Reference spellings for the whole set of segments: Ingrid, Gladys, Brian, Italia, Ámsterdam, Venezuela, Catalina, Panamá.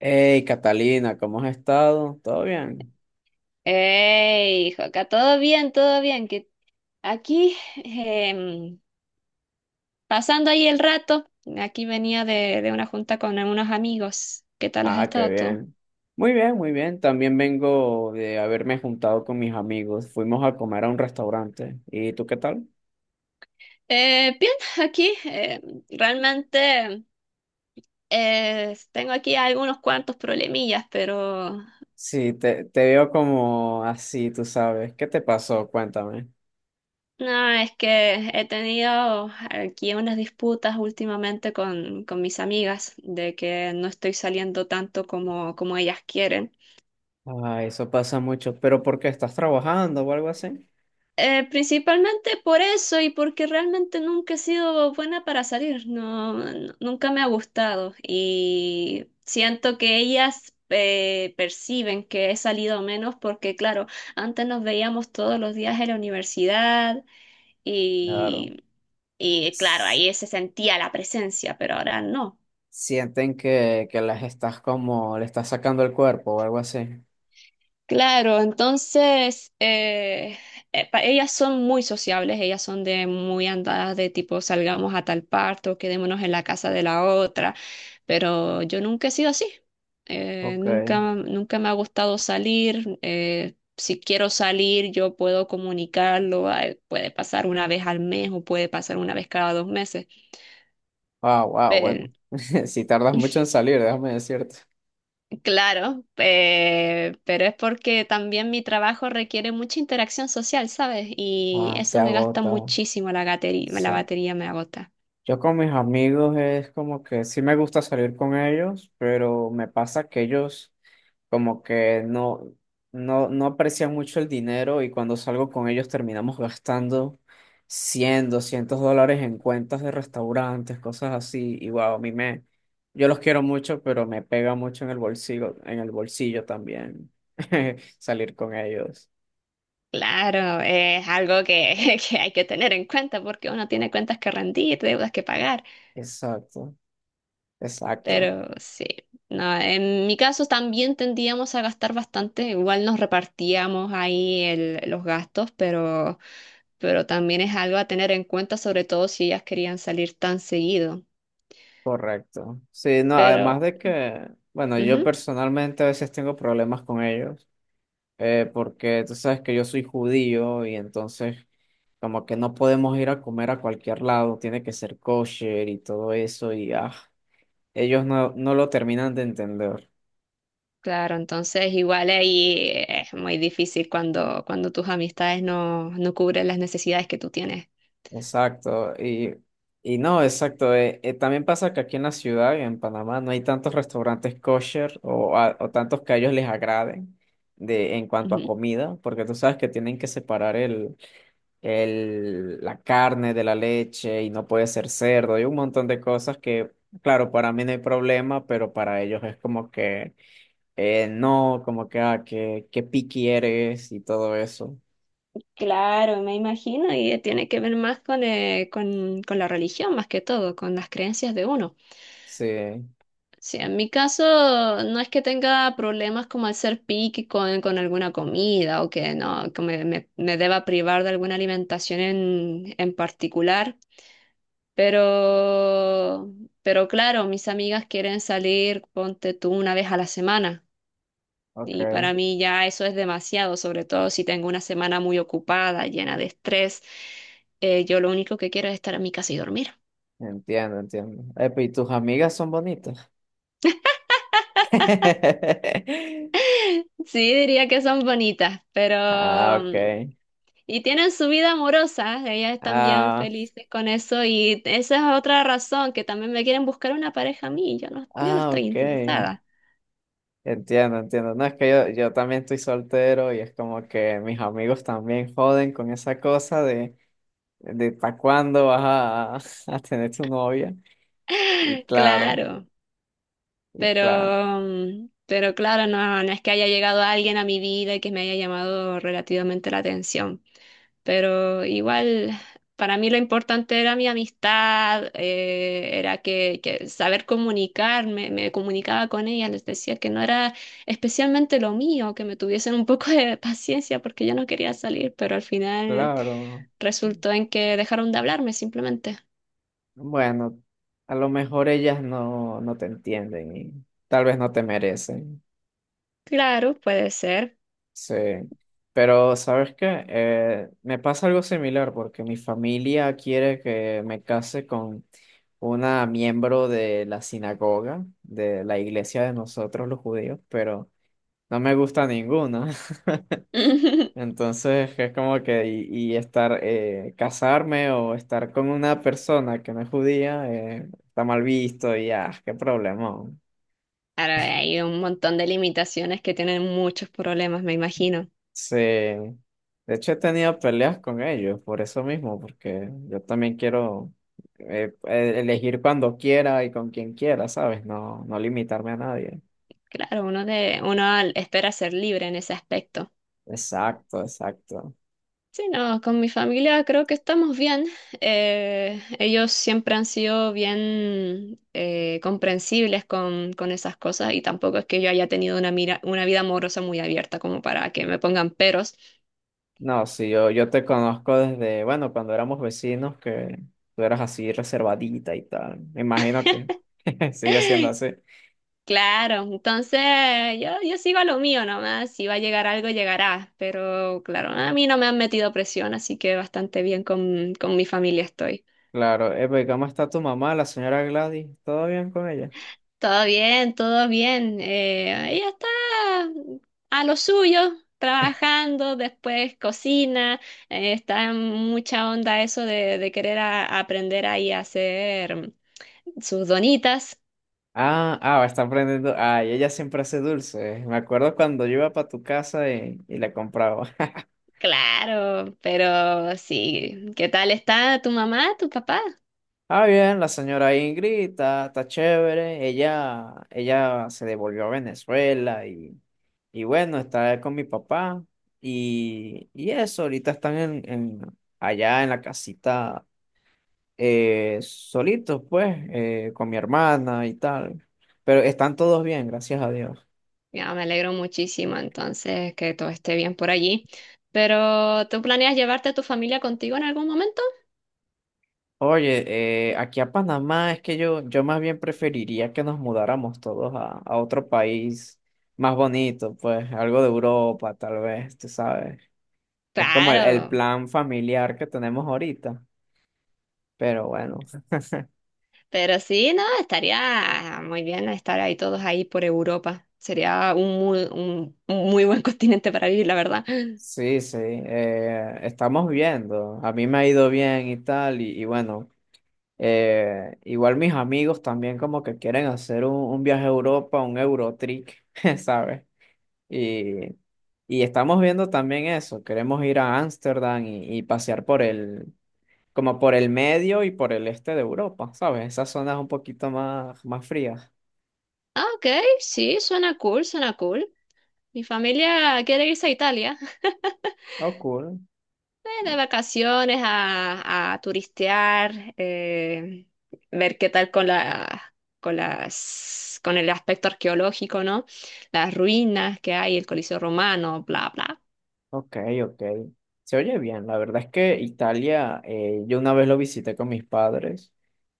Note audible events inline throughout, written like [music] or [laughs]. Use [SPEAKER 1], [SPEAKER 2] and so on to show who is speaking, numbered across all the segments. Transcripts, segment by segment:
[SPEAKER 1] Hey, Catalina, ¿cómo has estado? ¿Todo bien?
[SPEAKER 2] Hey, hijo, acá todo bien, todo bien. Que aquí, em, pasando ahí el rato, aquí venía de una junta con algunos amigos. ¿Qué tal has
[SPEAKER 1] Ah, qué
[SPEAKER 2] estado tú?
[SPEAKER 1] bien. Muy bien, muy bien. También vengo de haberme juntado con mis amigos. Fuimos a comer a un restaurante. ¿Y tú qué tal?
[SPEAKER 2] Bien, aquí realmente tengo aquí algunos cuantos problemillas, pero
[SPEAKER 1] Sí, te veo como así, tú sabes. ¿Qué te pasó? Cuéntame.
[SPEAKER 2] no, es que he tenido aquí unas disputas últimamente con mis amigas de que no estoy saliendo tanto como ellas quieren.
[SPEAKER 1] Ah, eso pasa mucho. ¿Pero por qué estás trabajando o algo así?
[SPEAKER 2] Principalmente por eso y porque realmente nunca he sido buena para salir, no, nunca me ha gustado y siento que ellas perciben que he salido menos porque claro, antes nos veíamos todos los días en la universidad
[SPEAKER 1] Claro.
[SPEAKER 2] y, y claro,
[SPEAKER 1] S-
[SPEAKER 2] ahí se sentía la presencia, pero ahora no.
[SPEAKER 1] Sienten que las estás como, le estás sacando el cuerpo o algo así.
[SPEAKER 2] Claro, entonces ellas son muy sociables, ellas son de muy andadas de tipo salgamos a tal parte o quedémonos en la casa de la otra, pero yo nunca he sido así.
[SPEAKER 1] Ok.
[SPEAKER 2] Nunca me ha gustado salir, si quiero salir yo puedo comunicarlo, ah, puede pasar una vez al mes o puede pasar una vez cada dos meses.
[SPEAKER 1] Ah, wow, bueno. [laughs] Si tardas mucho en salir, déjame decirte.
[SPEAKER 2] Claro, pero es porque también mi trabajo requiere mucha interacción social, ¿sabes? Y
[SPEAKER 1] Ah, te
[SPEAKER 2] eso me gasta
[SPEAKER 1] agota.
[SPEAKER 2] muchísimo la
[SPEAKER 1] Sí.
[SPEAKER 2] batería me agota.
[SPEAKER 1] Yo con mis amigos es como que sí me gusta salir con ellos, pero me pasa que ellos como que no, no aprecian mucho el dinero, y cuando salgo con ellos terminamos gastando 100, 200 dólares en cuentas de restaurantes, cosas así. Y wow, yo los quiero mucho, pero me pega mucho en el bolsillo también [laughs] salir con ellos.
[SPEAKER 2] Claro, es algo que, [laughs] que hay que tener en cuenta porque uno tiene cuentas que rendir, deudas que pagar,
[SPEAKER 1] Exacto, exacto,
[SPEAKER 2] pero sí, no, en mi caso también tendíamos a gastar bastante, igual nos repartíamos ahí los gastos, pero también es algo a tener en cuenta, sobre todo si ellas querían salir tan seguido.
[SPEAKER 1] correcto. Sí, no, además
[SPEAKER 2] Pero
[SPEAKER 1] de que, bueno, yo
[SPEAKER 2] ujú.
[SPEAKER 1] personalmente a veces tengo problemas con ellos, porque tú sabes que yo soy judío, y entonces como que no podemos ir a comer a cualquier lado, tiene que ser kosher y todo eso, y ah, ellos no, no lo terminan de entender.
[SPEAKER 2] Claro, entonces igual ahí es muy difícil cuando, cuando tus amistades no, no cubren las necesidades que tú tienes.
[SPEAKER 1] Exacto, y no, exacto. También pasa que aquí en la ciudad y en Panamá no hay tantos restaurantes kosher, o, o tantos que a ellos les agraden en cuanto a
[SPEAKER 2] Ujú.
[SPEAKER 1] comida, porque tú sabes que tienen que separar el, la carne de la leche, y no puede ser cerdo, y un montón de cosas que, claro, para mí no hay problema, pero para ellos es como que no, como que, ah, que picky eres y todo eso.
[SPEAKER 2] Claro, me imagino, y tiene que ver más con, con la religión, más que todo, con las creencias de uno.
[SPEAKER 1] Sí,
[SPEAKER 2] Sí, en mi caso no es que tenga problemas como al ser picky con alguna comida o que no, me deba privar de alguna alimentación en particular. Pero, pero claro, mis amigas quieren salir, ponte tú una vez a la semana.
[SPEAKER 1] ok.
[SPEAKER 2] Y para mí ya eso es demasiado, sobre todo si tengo una semana muy ocupada, llena de estrés. Yo lo único que quiero es estar en mi casa y dormir. [laughs]
[SPEAKER 1] Entiendo, entiendo. Epa, ¿y tus amigas son bonitas? [laughs]
[SPEAKER 2] Sí, diría que son bonitas, pero
[SPEAKER 1] Ah,
[SPEAKER 2] mm,
[SPEAKER 1] ok.
[SPEAKER 2] y tienen su vida amorosa, ellas están bien
[SPEAKER 1] Ah,
[SPEAKER 2] felices con eso y esa es otra razón que también me quieren buscar una pareja a mí, yo no
[SPEAKER 1] ah,
[SPEAKER 2] estoy
[SPEAKER 1] ok.
[SPEAKER 2] interesada.
[SPEAKER 1] Entiendo, entiendo. No, es que yo también estoy soltero, y es como que mis amigos también joden con esa cosa de ¿para cuándo vas a, [laughs] a tener tu novia? Y claro,
[SPEAKER 2] Claro.
[SPEAKER 1] y claro,
[SPEAKER 2] Pero, mm, pero claro, no, no es que haya llegado alguien a mi vida y que me haya llamado relativamente la atención. Pero igual, para mí lo importante era mi amistad, era que saber comunicarme, me comunicaba con ella, les decía que no era especialmente lo mío, que me tuviesen un poco de paciencia porque yo no quería salir, pero al final
[SPEAKER 1] claro.
[SPEAKER 2] resultó en que dejaron de hablarme simplemente.
[SPEAKER 1] Bueno, a lo mejor ellas no, no te entienden y tal vez no te merecen.
[SPEAKER 2] Claro, puede ser.
[SPEAKER 1] Sí, pero ¿sabes qué? Me pasa algo similar porque mi familia quiere que me case con una miembro de la sinagoga, de la iglesia de nosotros los judíos, pero no me gusta ninguna. [laughs]
[SPEAKER 2] [laughs]
[SPEAKER 1] Entonces es como que y estar, casarme o estar con una persona que no es judía, está mal visto, y ah, qué problema.
[SPEAKER 2] Ahora hay un montón de limitaciones que tienen muchos problemas, me imagino.
[SPEAKER 1] Sí, de hecho he tenido peleas con ellos por eso mismo, porque yo también quiero elegir cuando quiera y con quien quiera, ¿sabes? No, no limitarme a nadie.
[SPEAKER 2] Claro, uno espera ser libre en ese aspecto.
[SPEAKER 1] Exacto, exacto.
[SPEAKER 2] Sí, no, con mi familia creo que estamos bien. Ellos siempre han sido bien comprensibles con esas cosas y tampoco es que yo haya tenido una mira, una vida amorosa muy abierta como para que me pongan peros.
[SPEAKER 1] No, sí, yo te conozco desde, bueno, cuando éramos vecinos, que tú eras así reservadita y tal. Me imagino que [laughs] sigue siendo así.
[SPEAKER 2] Claro, entonces yo sigo a lo mío nomás, si va a llegar algo, llegará, pero claro, a mí no me han metido presión, así que bastante bien con mi familia estoy.
[SPEAKER 1] Claro, pues, ¿cómo está tu mamá, la señora Gladys? ¿Todo bien con ella?
[SPEAKER 2] Todo bien, todo bien. Eh, ella está a lo suyo, trabajando, después cocina, está en mucha onda eso de querer aprender ahí a hacer sus donitas.
[SPEAKER 1] Ah, ah, está aprendiendo. Ah, y ella siempre hace dulces. Me acuerdo cuando yo iba para tu casa y la compraba. [laughs]
[SPEAKER 2] Claro, pero sí, ¿qué tal está tu mamá, tu papá?
[SPEAKER 1] Ah, bien, la señora Ingrid está, está chévere. Ella se devolvió a Venezuela y bueno, está con mi papá. Y, Y eso, ahorita están en, allá en la casita solitos, pues, con mi hermana y tal. Pero están todos bien, gracias a Dios.
[SPEAKER 2] Ya, me alegro muchísimo entonces que todo esté bien por allí. Pero, ¿tú planeas llevarte a tu familia contigo en algún momento?
[SPEAKER 1] Oye, aquí a Panamá es que yo más bien preferiría que nos mudáramos todos a otro país más bonito, pues algo de Europa, tal vez, tú sabes. Es como el
[SPEAKER 2] Claro,
[SPEAKER 1] plan familiar que tenemos ahorita, pero bueno,
[SPEAKER 2] pero sí, no, estaría muy bien estar ahí todos ahí por Europa. Sería un muy buen [laughs] continente para vivir, la verdad.
[SPEAKER 1] [laughs] sí, sí, estamos viendo. A mí me ha ido bien y tal, y bueno, igual mis amigos también como que quieren hacer un viaje a Europa, un Eurotrip, [laughs] ¿sabes? Y, y estamos viendo también eso. Queremos ir a Ámsterdam y pasear por el, como por el medio y por el este de Europa, ¿sabes? Esas zonas un poquito más, más frías.
[SPEAKER 2] Ah, ok, sí, suena cool, suena cool. Mi familia quiere irse a Italia.
[SPEAKER 1] Oh, cool.
[SPEAKER 2] De vacaciones a turistear, ver qué tal con la, con las, con el aspecto arqueológico, ¿no? Las ruinas que hay, el Coliseo Romano, bla, bla.
[SPEAKER 1] Ok, ok. Se oye bien. La verdad es que Italia, yo una vez lo visité con mis padres,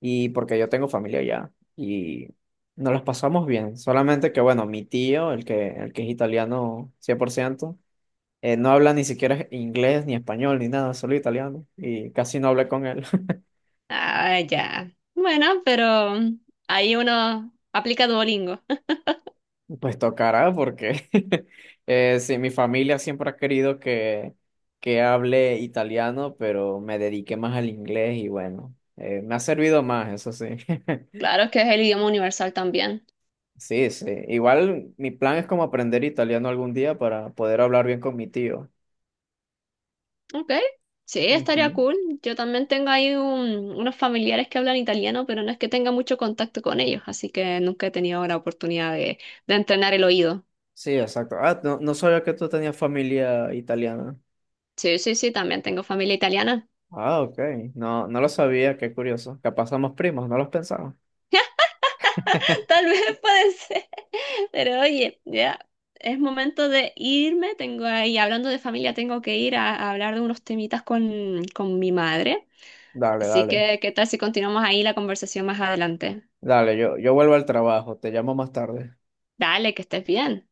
[SPEAKER 1] y porque yo tengo familia allá y nos las pasamos bien. Solamente que, bueno, mi tío, el que es italiano cien por ciento, no habla ni siquiera inglés, ni español, ni nada, solo italiano. Y casi no hablé con él. [laughs]
[SPEAKER 2] Ah, ya. Bueno, pero ahí uno aplica Duolingo.
[SPEAKER 1] Pues tocará porque [laughs] sí, mi familia siempre ha querido que hable italiano, pero me dediqué más al inglés, y bueno, me ha servido más, eso sí. [laughs]
[SPEAKER 2] Claro que es el idioma universal también.
[SPEAKER 1] Sí, sí. Igual mi plan es como aprender italiano algún día para poder hablar bien con mi tío.
[SPEAKER 2] Ok, sí, estaría
[SPEAKER 1] Ujú.
[SPEAKER 2] cool. Yo también tengo ahí unos familiares que hablan italiano, pero no es que tenga mucho contacto con ellos, así que nunca he tenido la oportunidad de entrenar el oído.
[SPEAKER 1] Sí, exacto. Ah, no, no sabía que tú tenías familia italiana.
[SPEAKER 2] Sí, también tengo familia italiana.
[SPEAKER 1] Ah, ok. No, no lo sabía, qué curioso. Capaz somos primos, no los pensamos.
[SPEAKER 2] [laughs]
[SPEAKER 1] [laughs]
[SPEAKER 2] Tal vez puede ser. Pero oye, ya es momento de irme. Tengo ahí, hablando de familia, tengo que ir a hablar de unos temitas con mi madre.
[SPEAKER 1] Dale,
[SPEAKER 2] Así
[SPEAKER 1] dale.
[SPEAKER 2] que, ¿qué tal si continuamos ahí la conversación más adelante?
[SPEAKER 1] Dale, yo vuelvo al trabajo, te llamo más tarde.
[SPEAKER 2] Dale, que estés bien.